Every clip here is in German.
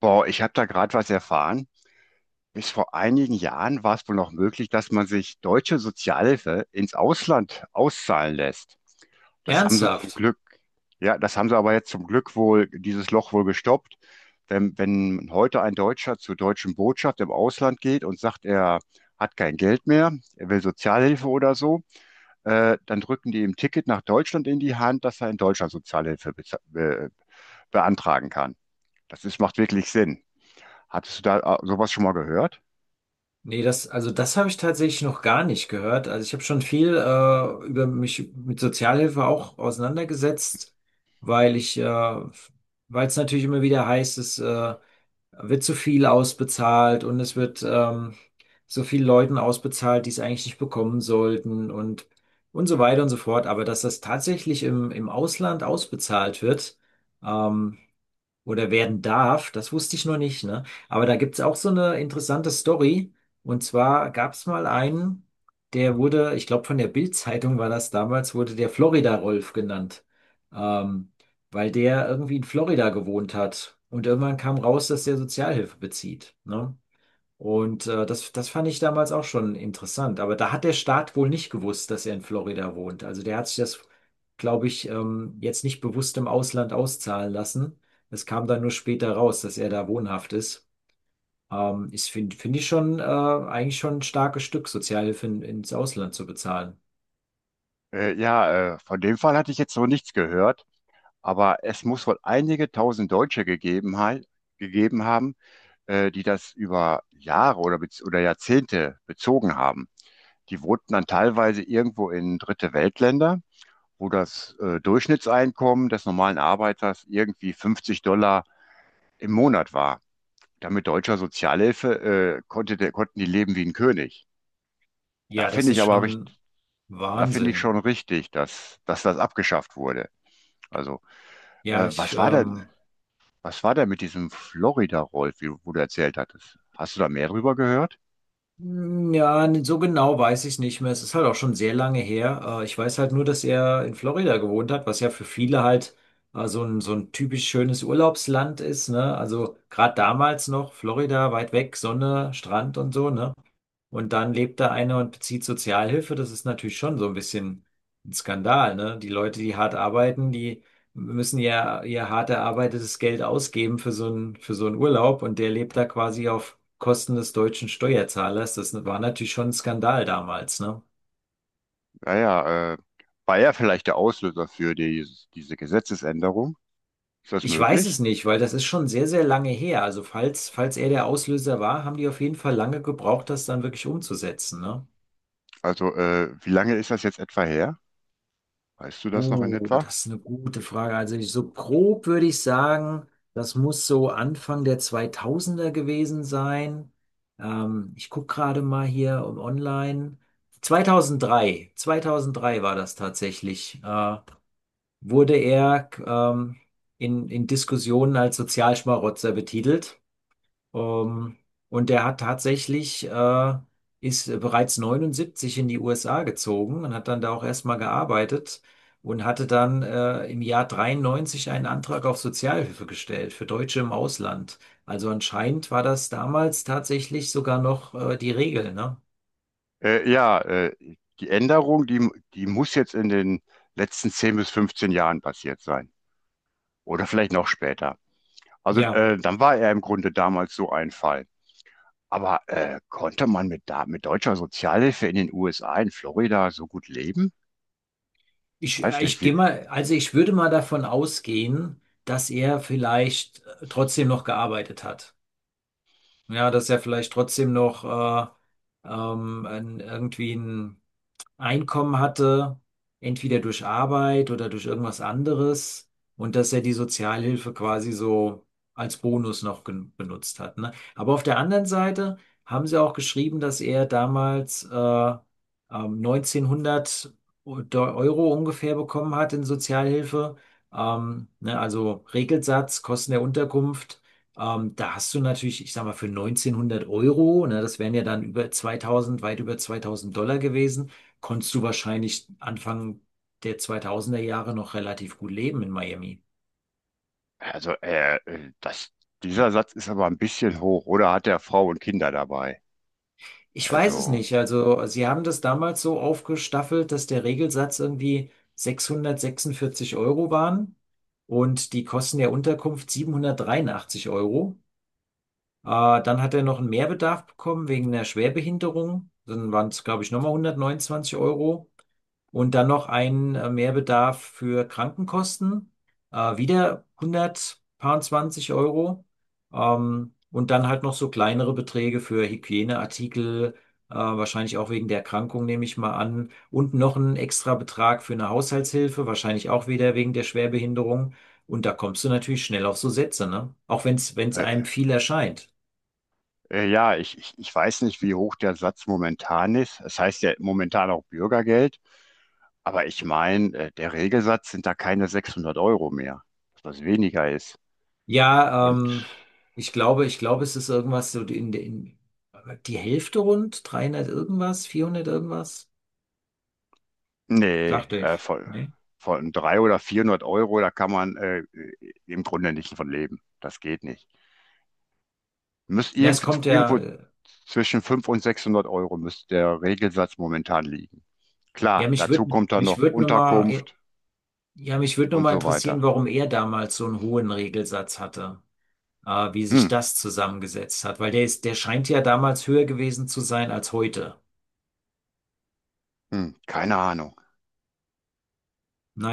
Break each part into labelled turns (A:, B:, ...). A: Boah, ich habe da gerade was erfahren. Bis vor einigen Jahren war es wohl noch möglich, dass man sich deutsche Sozialhilfe ins Ausland auszahlen lässt. Das haben sie zum
B: Ernsthaft?
A: Glück, Ja, das haben sie aber jetzt zum Glück wohl, dieses Loch wohl gestoppt. Wenn heute ein Deutscher zur deutschen Botschaft im Ausland geht und sagt, er hat kein Geld mehr, er will Sozialhilfe oder so, dann drücken die ihm ein Ticket nach Deutschland in die Hand, dass er in Deutschland Sozialhilfe beza- be beantragen kann. Macht wirklich Sinn. Hattest du da sowas schon mal gehört?
B: Nee, also das habe ich tatsächlich noch gar nicht gehört. Also ich habe schon viel über mich mit Sozialhilfe auch auseinandergesetzt, weil ich, äh, weil es natürlich immer wieder heißt, es wird zu viel ausbezahlt und es wird so viel Leuten ausbezahlt, die es eigentlich nicht bekommen sollten und so weiter und so fort. Aber dass das tatsächlich im Ausland ausbezahlt wird, ähm, oder werden darf. Das wusste ich noch nicht, ne? Aber da gibt's auch so eine interessante Story. Und zwar gab's mal einen, der wurde, ich glaube von der Bild-Zeitung war das damals, wurde der Florida-Rolf genannt. Ähm, Weil der irgendwie in Florida gewohnt hat. Und irgendwann kam raus, dass der Sozialhilfe bezieht, ne? Und das fand ich damals auch schon interessant. Aber da hat der Staat wohl nicht gewusst, dass er in Florida wohnt. Also der hat sich das, glaube ich, jetzt nicht bewusst im Ausland auszahlen lassen. Es kam dann nur später raus, dass er da wohnhaft ist. Ich finde find find ich schon eigentlich schon ein starkes Stück, Sozialhilfe ins Ausland zu bezahlen.
A: Ja, von dem Fall hatte ich jetzt so nichts gehört, aber es muss wohl einige tausend Deutsche gegeben haben, die das über Jahre oder Jahrzehnte bezogen haben. Die wohnten dann teilweise irgendwo in dritte Weltländer, wo das Durchschnittseinkommen des normalen Arbeiters irgendwie $50 im Monat war. Damit deutscher Sozialhilfe konnten die leben wie ein König. Da
B: Ja, das
A: finde ich
B: ist
A: aber recht,
B: schon
A: Da finde ich
B: Wahnsinn.
A: schon richtig, dass das abgeschafft wurde. Also, äh,
B: Ja, ich
A: was war denn,
B: ähm,
A: was war denn mit diesem Florida-Rolf, wo du erzählt hattest? Hast du da mehr drüber gehört?
B: Hm, ja, so genau weiß ich nicht mehr. Es ist halt auch schon sehr lange her. Ich weiß halt nur, dass er in Florida gewohnt hat, was ja für viele halt so ein typisch schönes Urlaubsland ist, ne? Also gerade damals noch, Florida, weit weg, Sonne, Strand und so, ne? Und dann lebt da einer und bezieht Sozialhilfe. Das ist natürlich schon so ein bisschen ein Skandal, ne? Die Leute, die hart arbeiten, die müssen ja ihr hart erarbeitetes Geld ausgeben für so einen Urlaub und der lebt da quasi auf Kosten des deutschen Steuerzahlers. Das war natürlich schon ein Skandal damals, ne?
A: Naja, war er vielleicht der Auslöser für diese Gesetzesänderung? Ist das
B: Ich weiß es
A: möglich?
B: nicht, weil das ist schon sehr, sehr lange her. Also falls er der Auslöser war, haben die auf jeden Fall lange gebraucht, das dann wirklich umzusetzen, ne?
A: Also, wie lange ist das jetzt etwa her? Weißt du das noch in etwa?
B: Das ist eine gute Frage. Also ich, so grob würde ich sagen, das muss so Anfang der 2000er gewesen sein. Ich gucke gerade mal hier um online. 2003, 2003 war das tatsächlich. Wurde er in Diskussionen als Sozialschmarotzer betitelt. Ähm, und der hat tatsächlich, ist bereits 79 in die USA gezogen und hat dann da auch erstmal gearbeitet und hatte dann im Jahr 93 einen Antrag auf Sozialhilfe gestellt für Deutsche im Ausland. Also anscheinend war das damals tatsächlich sogar noch die Regel, ne?
A: Ja, die Änderung, die muss jetzt in den letzten 10 bis 15 Jahren passiert sein. Oder vielleicht noch später. Also,
B: Ja,
A: dann war er im Grunde damals so ein Fall. Aber konnte man mit deutscher Sozialhilfe in den USA, in Florida, so gut leben? Ich
B: ich,
A: weiß
B: äh,
A: nicht,
B: ich
A: wie.
B: gehe mal, also ich würde mal davon ausgehen, dass er vielleicht trotzdem noch gearbeitet hat. Ja, dass er vielleicht trotzdem noch irgendwie ein Einkommen hatte, entweder durch Arbeit oder durch irgendwas anderes und dass er die Sozialhilfe quasi so als Bonus noch benutzt hat, ne? Aber auf der anderen Seite haben sie auch geschrieben, dass er damals 1900 Euro ungefähr bekommen hat in Sozialhilfe, ne? Also Regelsatz, Kosten der Unterkunft. Da hast du natürlich, ich sag mal, für 1900 Euro, ne, das wären ja dann über 2000, weit über 2000 Dollar gewesen, konntest du wahrscheinlich Anfang der 2000er Jahre noch relativ gut leben in Miami.
A: Also, dieser Satz ist aber ein bisschen hoch. Oder hat er Frau und Kinder dabei?
B: Ich weiß es
A: Also,
B: nicht. Also, sie haben das damals so aufgestaffelt, dass der Regelsatz irgendwie 646 Euro waren und die Kosten der Unterkunft 783 Euro. Äh, Dann hat er noch einen Mehrbedarf bekommen wegen einer Schwerbehinderung. Dann waren es, glaube ich, nochmal 129 Euro. Und dann noch ein Mehrbedarf für Krankenkosten, wieder 120 Euro. Und dann halt noch so kleinere Beträge für Hygieneartikel, wahrscheinlich auch wegen der Erkrankung, nehme ich mal an. Und noch ein extra Betrag für eine Haushaltshilfe, wahrscheinlich auch wieder wegen der Schwerbehinderung. Und da kommst du natürlich schnell auf so Sätze, ne? Auch wenn es
A: äh,
B: einem viel erscheint.
A: ja, ich weiß nicht, wie hoch der Satz momentan ist. Es heißt ja momentan auch Bürgergeld. Aber ich meine, der Regelsatz sind da keine 600 Euro mehr, dass das weniger ist.
B: Ja,
A: Und
B: ich glaube, es ist irgendwas so in die Hälfte rund, 300 irgendwas, 400 irgendwas,
A: nee,
B: dachte ich. Ne?
A: von 300 oder 400 Euro, da kann man im Grunde nicht von leben. Das geht nicht. Müsst
B: Ja, es kommt ja,
A: irgendwo zwischen 500 und 600 Euro müsste der Regelsatz momentan liegen.
B: ja,
A: Klar,
B: mich
A: dazu
B: würde,
A: kommt dann
B: mich
A: noch
B: würde nur mal,
A: Unterkunft
B: ja, mich würde nur
A: und
B: mal
A: so weiter.
B: interessieren, warum er damals so einen hohen Regelsatz hatte, wie sich
A: Hm,
B: das zusammengesetzt hat, weil der scheint ja damals höher gewesen zu sein als heute.
A: Keine Ahnung.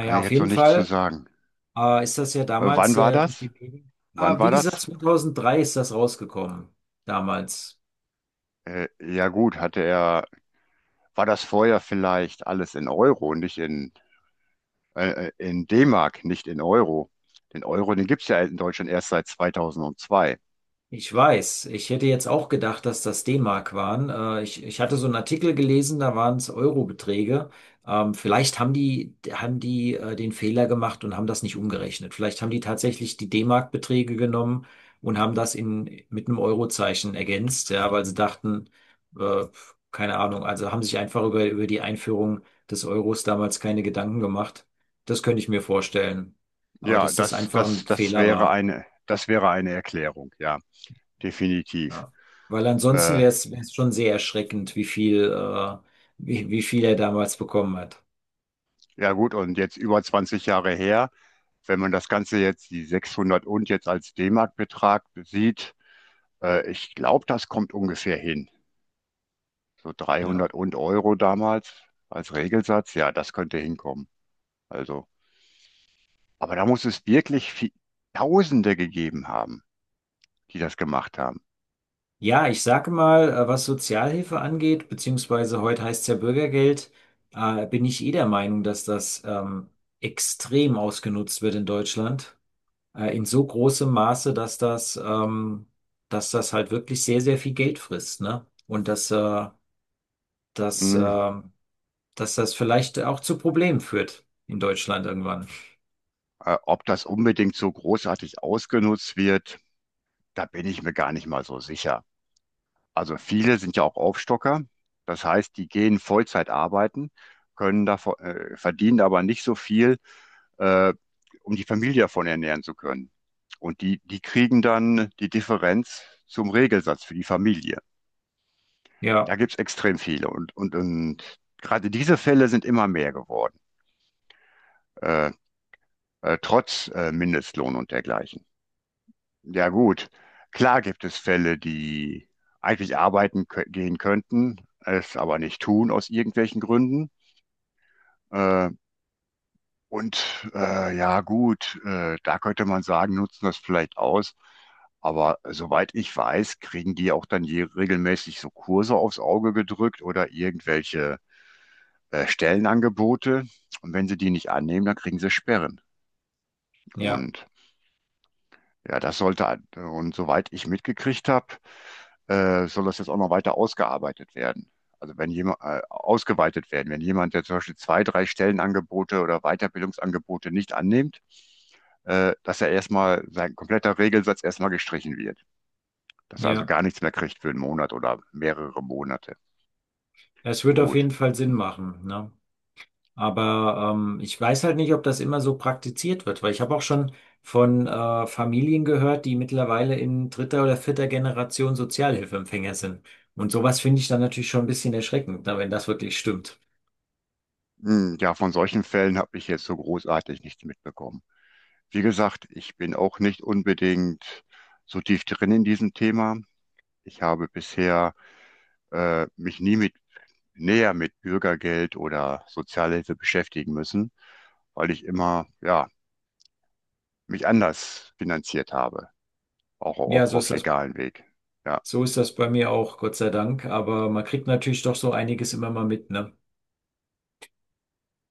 A: Kann ich
B: auf
A: jetzt so
B: jeden
A: nichts zu
B: Fall,
A: sagen.
B: ist das ja damals
A: Wann war
B: sehr durch
A: das?
B: die Medien.
A: Wann
B: Ah,
A: war
B: wie gesagt,
A: das?
B: 2003 ist das rausgekommen, damals.
A: Ja gut, war das vorher vielleicht alles in Euro und nicht in D-Mark, nicht in Euro. Den Euro, den gibt's ja in Deutschland erst seit 2002.
B: Ich weiß, ich hätte jetzt auch gedacht, dass das D-Mark waren. Ich hatte so einen Artikel gelesen, da waren es Euro-Beträge. Vielleicht haben die den Fehler gemacht und haben das nicht umgerechnet. Vielleicht haben die tatsächlich die D-Mark-Beträge genommen und haben das mit einem Euro-Zeichen ergänzt, ja, weil sie dachten, äh, keine Ahnung, also haben sich einfach über die Einführung des Euros damals keine Gedanken gemacht. Das könnte ich mir vorstellen. Aber
A: Ja,
B: dass das einfach ein Fehler war.
A: das wäre eine Erklärung, ja, definitiv.
B: Ja. Weil ansonsten
A: Äh,
B: wäre es schon sehr erschreckend, wie viel er damals bekommen hat.
A: ja gut, und jetzt über 20 Jahre her, wenn man das Ganze jetzt, die 600 und jetzt als D-Mark-Betrag sieht, ich glaube, das kommt ungefähr hin. So
B: Ja.
A: 300 und Euro damals als Regelsatz, ja, das könnte hinkommen. Also, aber da muss es wirklich Tausende gegeben haben, die das gemacht haben.
B: Ja, ich sage mal, was Sozialhilfe angeht, beziehungsweise heute heißt es ja Bürgergeld, bin ich eh der Meinung, dass das extrem ausgenutzt wird in Deutschland. In so großem Maße, dass das halt wirklich sehr, sehr viel Geld frisst, ne? Und dass,
A: Hm,
B: äh, dass das vielleicht auch zu Problemen führt in Deutschland irgendwann.
A: ob das unbedingt so großartig ausgenutzt wird, da bin ich mir gar nicht mal so sicher. Also viele sind ja auch Aufstocker. Das heißt, die gehen Vollzeit arbeiten, verdienen aber nicht so viel, äh, um die Familie davon ernähren zu können. Und die, die kriegen dann die Differenz zum Regelsatz für die Familie.
B: Ja,
A: Da gibt es extrem viele. Und gerade diese Fälle sind immer mehr geworden, äh, trotz Mindestlohn und dergleichen. Ja gut, klar gibt es Fälle, die eigentlich arbeiten kö gehen könnten, es aber nicht tun aus irgendwelchen Gründen. Äh, und ja gut, da könnte man sagen, nutzen das vielleicht aus. Aber soweit ich weiß, kriegen die auch dann je regelmäßig so Kurse aufs Auge gedrückt oder irgendwelche Stellenangebote. Und wenn sie die nicht annehmen, dann kriegen sie Sperren.
B: ja.
A: Und ja, und soweit ich mitgekriegt habe, soll das jetzt auch noch weiter ausgearbeitet werden. Also wenn jemand, wenn jemand, der zum Beispiel zwei, drei Stellenangebote oder Weiterbildungsangebote nicht annimmt, dass sein kompletter Regelsatz erstmal gestrichen wird. Dass er also
B: Ja,
A: gar nichts mehr kriegt für einen Monat oder mehrere Monate.
B: es wird auf jeden
A: Gut.
B: Fall Sinn machen, ne? Aber ich weiß halt nicht, ob das immer so praktiziert wird, weil ich habe auch schon von Familien gehört, die mittlerweile in dritter oder vierter Generation Sozialhilfeempfänger sind. Und sowas finde ich dann natürlich schon ein bisschen erschreckend, na, wenn das wirklich stimmt.
A: Hm, ja, von solchen Fällen habe ich jetzt so großartig nichts mitbekommen. Wie gesagt, ich bin auch nicht unbedingt so tief drin in diesem Thema. Ich habe bisher mich nie mit näher mit Bürgergeld oder Sozialhilfe beschäftigen müssen, weil ich immer ja mich anders finanziert habe, auch,
B: Ja,
A: auch
B: so
A: auf
B: ist das,
A: legalen Weg. Ja.
B: so ist das bei mir auch, Gott sei Dank. Aber man kriegt natürlich doch so einiges immer mal mit, ne?